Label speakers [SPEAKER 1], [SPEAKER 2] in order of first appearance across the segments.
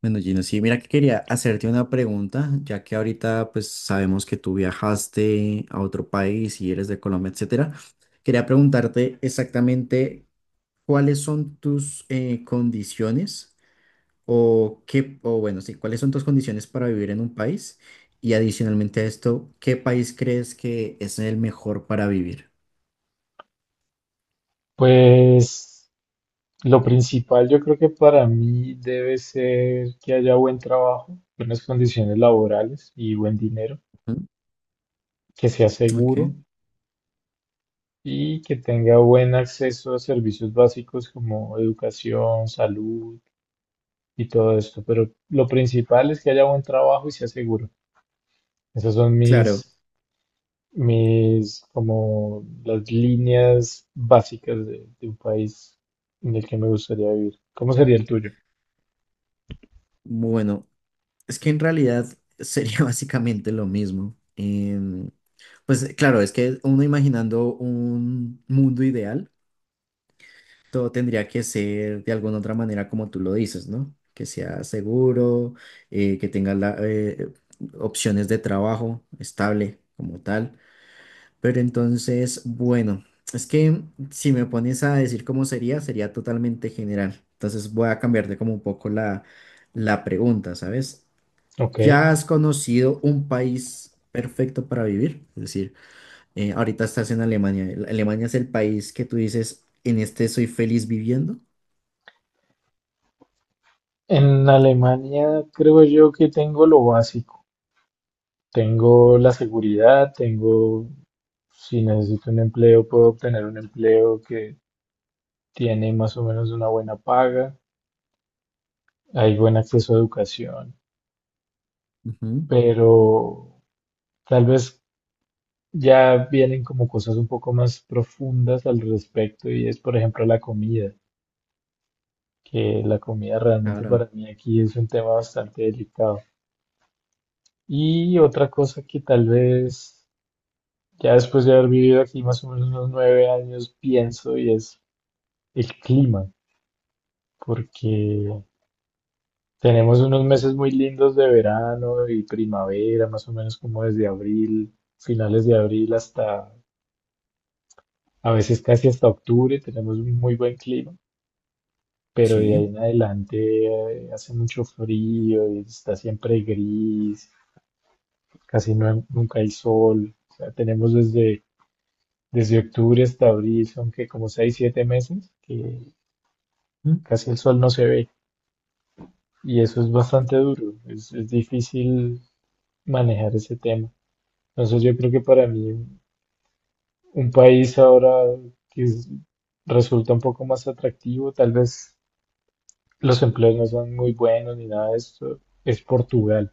[SPEAKER 1] Bueno, Gino, sí, mira que quería hacerte una pregunta, ya que ahorita pues sabemos que tú viajaste a otro país y eres de Colombia, etcétera. Quería preguntarte exactamente cuáles son tus condiciones o qué, o bueno, sí, cuáles son tus condiciones para vivir en un país y adicionalmente a esto, ¿qué país crees que es el mejor para vivir?
[SPEAKER 2] Pues lo principal yo creo que para mí debe ser que haya buen trabajo, buenas condiciones laborales y buen dinero,
[SPEAKER 1] Ujú.
[SPEAKER 2] que sea
[SPEAKER 1] Ok.
[SPEAKER 2] seguro y que tenga buen acceso a servicios básicos como educación, salud y todo esto. Pero lo principal es que haya buen trabajo y sea seguro. Esas son
[SPEAKER 1] Claro.
[SPEAKER 2] mis, como las líneas básicas de un país en el que me gustaría vivir. ¿Cómo sería el tuyo?
[SPEAKER 1] Bueno, es que en realidad sería básicamente lo mismo. Pues claro, es que uno imaginando un mundo ideal, todo tendría que ser de alguna otra manera como tú lo dices, ¿no? Que sea seguro, que tenga opciones de trabajo estable como tal. Pero entonces, bueno, es que si me pones a decir cómo sería, sería totalmente general. Entonces voy a cambiarte como un poco la pregunta, ¿sabes?
[SPEAKER 2] Ok.
[SPEAKER 1] ¿Ya has conocido un país perfecto para vivir? Es decir, ahorita estás en Alemania. Alemania es el país que tú dices, en este soy feliz viviendo.
[SPEAKER 2] En Alemania creo yo que tengo lo básico. Tengo la seguridad, tengo, si necesito un empleo, puedo obtener un empleo que tiene más o menos una buena paga, hay buen acceso a educación,
[SPEAKER 1] Ujú.
[SPEAKER 2] pero tal vez ya vienen como cosas un poco más profundas al respecto y es, por ejemplo, la comida, que la comida realmente
[SPEAKER 1] Claro,
[SPEAKER 2] para mí aquí es un tema bastante delicado. Y otra cosa que tal vez ya después de haber vivido aquí más o menos unos 9 años, pienso, y es el clima, porque tenemos unos meses muy lindos de verano y primavera, más o menos como desde abril, finales de abril hasta, a veces casi hasta octubre, tenemos un muy buen clima, pero de
[SPEAKER 1] sí.
[SPEAKER 2] ahí en adelante hace mucho frío y está siempre gris, casi no- nunca hay sol, o sea, tenemos desde... Desde octubre hasta abril son que como seis, siete meses que
[SPEAKER 1] Ujú.
[SPEAKER 2] casi el sol no se ve y eso es bastante duro, es difícil manejar ese tema. Entonces yo creo que para mí un país ahora que es- resulta un poco más atractivo, tal vez los empleos no son muy buenos ni nada de esto, es Portugal,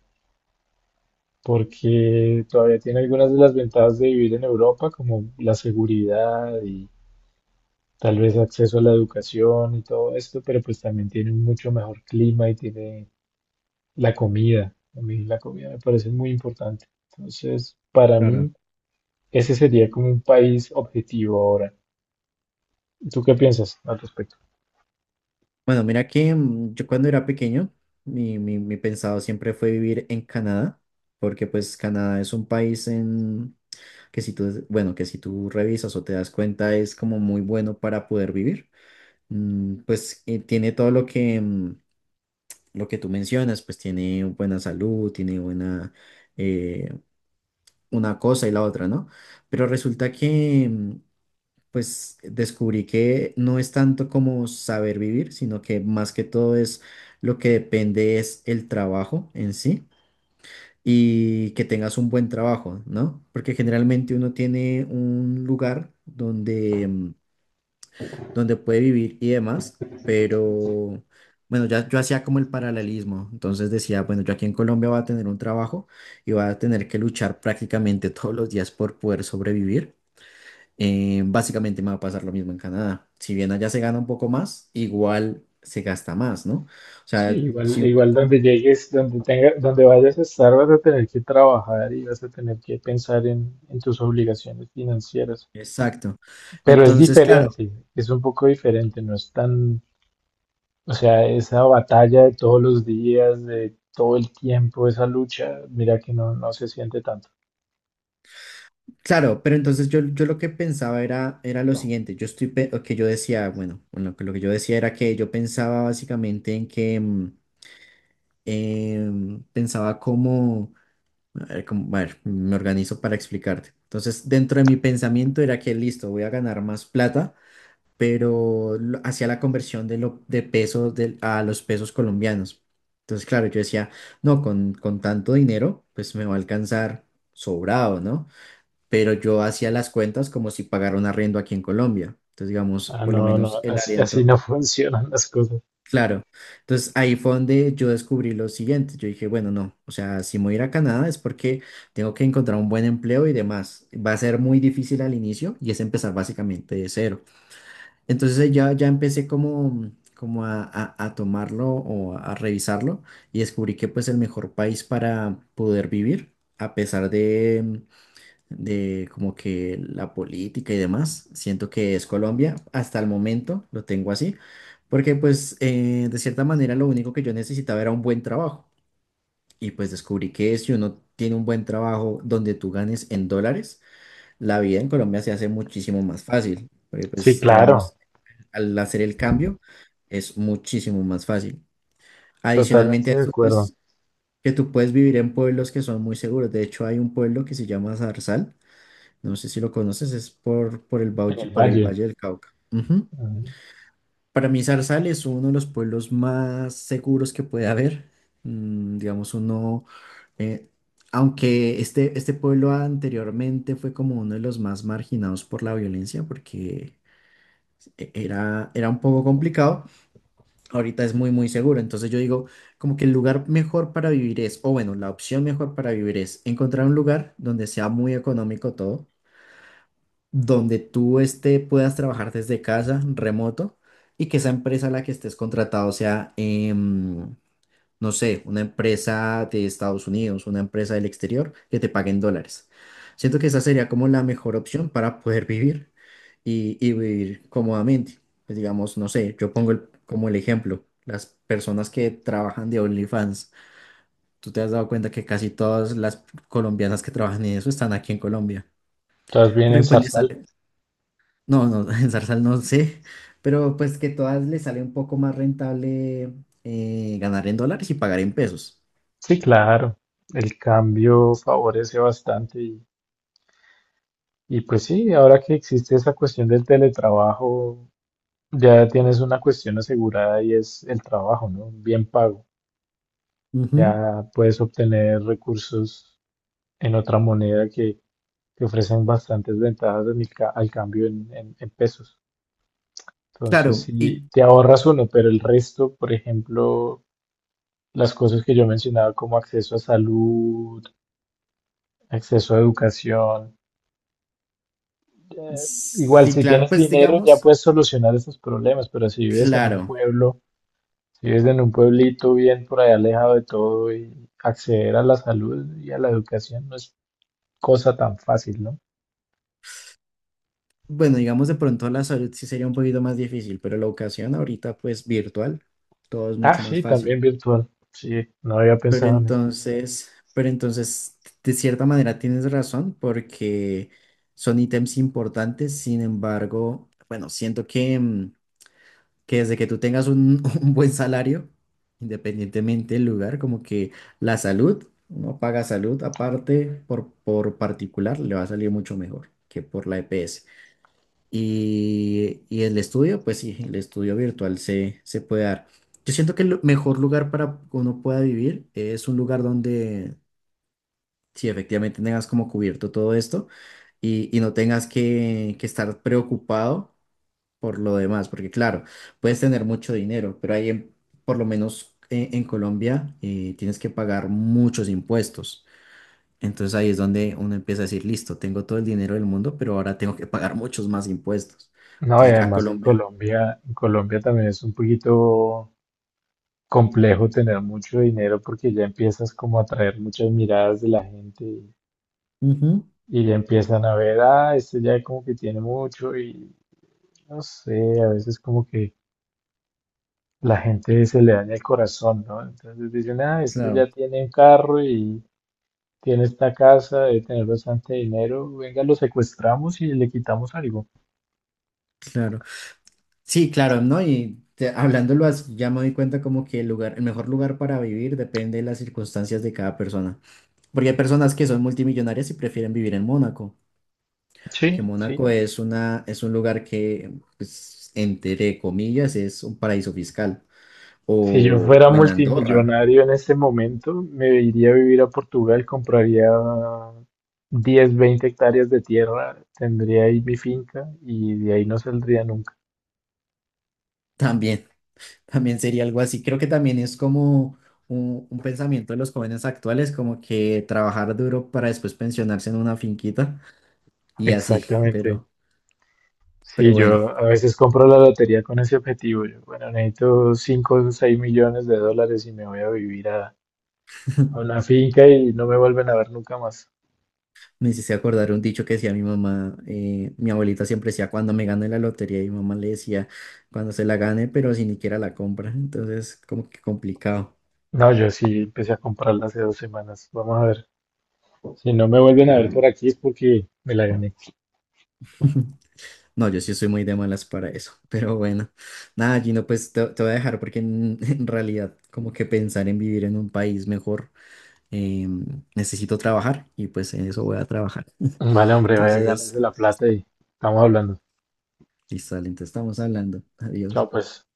[SPEAKER 2] porque todavía tiene algunas de las ventajas de vivir en Europa, como la seguridad y tal vez acceso a la educación y todo esto, pero pues también tiene un mucho mejor clima y tiene la comida, a mí la comida me parece muy importante. Entonces, para
[SPEAKER 1] Claro.
[SPEAKER 2] mí, ese sería como un país objetivo ahora. ¿Tú qué piensas al respecto?
[SPEAKER 1] Bueno, mira que yo cuando era pequeño, mi pensado siempre fue vivir en Canadá, porque pues Canadá es un país en que si tú, bueno, que si tú revisas o te das cuenta es como muy bueno para poder vivir. Pues tiene todo lo que lo que tú mencionas, pues tiene buena salud, tiene buena eh, una cosa y la otra, ¿no? Pero resulta que, pues descubrí que no es tanto como saber vivir, sino que más que todo es lo que depende es el trabajo en sí. Y que tengas un buen trabajo, ¿no? Porque generalmente uno tiene un lugar donde donde puede vivir y demás, pero bueno, ya yo hacía como el paralelismo, entonces decía, bueno, yo aquí en Colombia voy a tener un trabajo y voy a tener que luchar prácticamente todos los días por poder sobrevivir. Básicamente me va a pasar lo mismo en Canadá. Si bien allá se gana un poco más, igual se gasta más, ¿no? O
[SPEAKER 2] Sí,
[SPEAKER 1] sea,
[SPEAKER 2] igual,
[SPEAKER 1] si uno...
[SPEAKER 2] igual donde llegues, donde tenga, donde vayas a estar, vas a tener que trabajar y vas a tener que pensar en tus obligaciones financieras.
[SPEAKER 1] Exacto.
[SPEAKER 2] Pero es
[SPEAKER 1] Entonces, claro,
[SPEAKER 2] diferente, es un poco diferente, no es tan, o sea, esa batalla de todos los días, de todo el tiempo, esa lucha, mira que no, no se siente tanto.
[SPEAKER 1] claro, pero entonces yo lo que pensaba era lo siguiente, yo estoy, pe- o que yo decía, bueno, bueno, que lo que yo decía era que yo pensaba básicamente en que pensaba como, a ver, a ver, me organizo para explicarte. Entonces, dentro de mi pensamiento era que listo, voy a ganar más plata, pero hacía la conversión de pesos a los pesos colombianos. Entonces, claro, yo decía, no, con tanto dinero, pues me va a alcanzar sobrado, ¿no? Pero yo hacía las cuentas como si pagara un arriendo aquí en Colombia. Entonces, digamos,
[SPEAKER 2] Ah,
[SPEAKER 1] por lo
[SPEAKER 2] no, no,
[SPEAKER 1] menos el
[SPEAKER 2] así, así
[SPEAKER 1] arriendo,
[SPEAKER 2] no funcionan las cosas.
[SPEAKER 1] claro. Entonces, ahí fue donde yo descubrí lo siguiente. Yo dije, bueno, no, o sea, si me voy a ir a Canadá es porque tengo que encontrar un buen empleo y demás. Va a ser muy difícil al inicio y es empezar básicamente de cero. Entonces, ya empecé como... como a tomarlo o a revisarlo y descubrí que pues el mejor país para poder vivir, a pesar de como que la política y demás. Siento que es Colombia, hasta el momento lo tengo así, porque pues de cierta manera lo único que yo necesitaba era un buen trabajo y pues descubrí que si uno tiene un buen trabajo donde tú ganes en dólares, la vida en Colombia se hace muchísimo más fácil, porque
[SPEAKER 2] Sí,
[SPEAKER 1] pues
[SPEAKER 2] claro,
[SPEAKER 1] digamos, al hacer el cambio es muchísimo más fácil. Adicionalmente a
[SPEAKER 2] totalmente de
[SPEAKER 1] eso,
[SPEAKER 2] acuerdo.
[SPEAKER 1] pues que tú puedes vivir en pueblos que son muy seguros. De hecho, hay un pueblo que se llama Zarzal, no sé si lo conoces, es por,
[SPEAKER 2] En el
[SPEAKER 1] Bauchi- por el
[SPEAKER 2] valle,
[SPEAKER 1] Valle del Cauca. Ujú.
[SPEAKER 2] mm,
[SPEAKER 1] Para mí, Zarzal es uno de los pueblos más seguros que puede haber. Digamos, uno, eh, aunque este pueblo anteriormente fue como uno de los más marginados por la violencia, porque era un poco complicado, ahorita es muy, muy seguro. Entonces yo digo, como que el lugar mejor para vivir es, o bueno, la opción mejor para vivir es encontrar un lugar donde sea muy económico todo donde tú este, puedas trabajar desde casa, remoto, y que esa empresa a la que estés contratado sea, no sé, una empresa de Estados Unidos, una empresa del exterior, que te paguen dólares. Siento que esa sería como la mejor opción para poder vivir y vivir cómodamente. Pues digamos, no sé, yo pongo como el ejemplo, las personas que trabajan de OnlyFans. Tú te has dado cuenta que casi todas las colombianas que trabajan en eso están aquí en Colombia,
[SPEAKER 2] estás bien
[SPEAKER 1] porque
[SPEAKER 2] en
[SPEAKER 1] pues les
[SPEAKER 2] Zarzal.
[SPEAKER 1] no, no, en Zarzal no sé, pero pues que todas les sale un poco más rentable ganar en dólares y pagar en pesos.
[SPEAKER 2] Sí, claro, el cambio favorece bastante y pues sí, ahora que existe esa cuestión del teletrabajo, ya tienes una cuestión asegurada y es el trabajo, ¿no? Bien pago.
[SPEAKER 1] Ujú.
[SPEAKER 2] Ya puedes obtener recursos en otra moneda que ofrecen bastantes ventajas en el ca- al cambio en pesos. Entonces,
[SPEAKER 1] Claro,
[SPEAKER 2] si
[SPEAKER 1] y
[SPEAKER 2] te ahorras uno, pero el resto, por ejemplo, las cosas que yo mencionaba como acceso a salud, acceso a educación, eh, igual
[SPEAKER 1] sí,
[SPEAKER 2] si
[SPEAKER 1] claro,
[SPEAKER 2] tienes
[SPEAKER 1] pues
[SPEAKER 2] dinero ya
[SPEAKER 1] digamos,
[SPEAKER 2] puedes solucionar esos problemas, pero si vives en un
[SPEAKER 1] claro.
[SPEAKER 2] pueblo, si vives en un pueblito bien por allá alejado de todo y acceder a la salud y a la educación no es cosa tan fácil, ¿no?
[SPEAKER 1] Bueno, digamos de pronto la salud sí sería un poquito más difícil, pero la educación ahorita pues virtual, todo es
[SPEAKER 2] Ah,
[SPEAKER 1] mucho más
[SPEAKER 2] sí,
[SPEAKER 1] fácil.
[SPEAKER 2] también virtual. Sí, no había pensado en eso.
[SPEAKER 1] Pero entonces, de cierta manera tienes razón porque son ítems importantes, sin embargo, bueno, siento que, que desde que tú tengas un, un buen salario, independientemente del lugar, como que la salud, uno paga salud aparte por particular, le va a salir mucho mejor que por la EPS. Y el estudio, pues sí, el estudio se puede dar. Yo siento que el mejor lugar para que uno pueda vivir es un lugar donde si efectivamente tengas como cubierto todo esto y no tengas que estar preocupado por lo demás, porque claro, puedes tener mucho dinero, pero ahí, por lo menos en Colombia, tienes que pagar muchos impuestos. Entonces ahí es donde uno empieza a decir, listo, tengo todo el dinero del mundo, pero ahora tengo que pagar muchos más impuestos.
[SPEAKER 2] No, y
[SPEAKER 1] Entonces ya
[SPEAKER 2] además
[SPEAKER 1] Colombia...
[SPEAKER 2] En Colombia también es un poquito complejo tener mucho dinero porque ya empiezas como a atraer muchas miradas de la gente
[SPEAKER 1] Ujú,
[SPEAKER 2] y ya empiezan a ver, ah, este ya como que tiene mucho y no sé, a veces como que la gente se le daña el corazón, ¿no? Entonces dicen, ah, este ya
[SPEAKER 1] claro,
[SPEAKER 2] tiene un carro y tiene esta casa, debe tener bastante dinero, venga, lo secuestramos y le quitamos algo.
[SPEAKER 1] claro. Sí, claro, ¿no? Y hablándolo así, ya me doy cuenta como que el lugar, el mejor lugar para vivir depende de las circunstancias de cada persona. Porque hay personas que son multimillonarias y prefieren vivir en Mónaco, que
[SPEAKER 2] Sí,
[SPEAKER 1] Mónaco
[SPEAKER 2] sí,
[SPEAKER 1] es una, es un lugar que, pues, entre comillas, es un paraíso fiscal.
[SPEAKER 2] si yo fuera
[SPEAKER 1] O en Andorra,
[SPEAKER 2] multimillonario en este momento, me iría a vivir a Portugal, compraría 10, 20 hectáreas de tierra, tendría ahí mi finca y de ahí no saldría nunca.
[SPEAKER 1] también, también sería algo así. Creo que también es como un pensamiento de los jóvenes actuales, como que trabajar duro para después pensionarse en una finquita y así,
[SPEAKER 2] Exactamente.
[SPEAKER 1] pero,
[SPEAKER 2] Sí,
[SPEAKER 1] pero bueno.
[SPEAKER 2] yo a veces compro la lotería con ese objetivo. Yo, bueno, necesito 5, o 6 millones de dólares y me voy a vivir a una finca y no me vuelven a ver nunca más.
[SPEAKER 1] Me hiciste acordar un dicho que decía mi mamá, mi abuelita siempre decía cuando me gane la lotería y mi mamá le decía cuando se la gane, pero si ni siquiera la compra, entonces como que complicado.
[SPEAKER 2] No, yo sí empecé a comprarla hace 2 semanas. Vamos a ver. Si no me vuelven a ver por aquí es porque me la gané.
[SPEAKER 1] No, yo sí soy muy de malas para eso, pero bueno, nada, Gino, pues te voy a dejar porque en, en realidad como que pensar en vivir en un país mejor, eh, necesito trabajar y pues en eso voy a trabajar.
[SPEAKER 2] Vale, hombre, vaya, ganes
[SPEAKER 1] Entonces,
[SPEAKER 2] de la plata y estamos hablando.
[SPEAKER 1] listo, dale, entonces estamos hablando, adiós.
[SPEAKER 2] Chao, pues.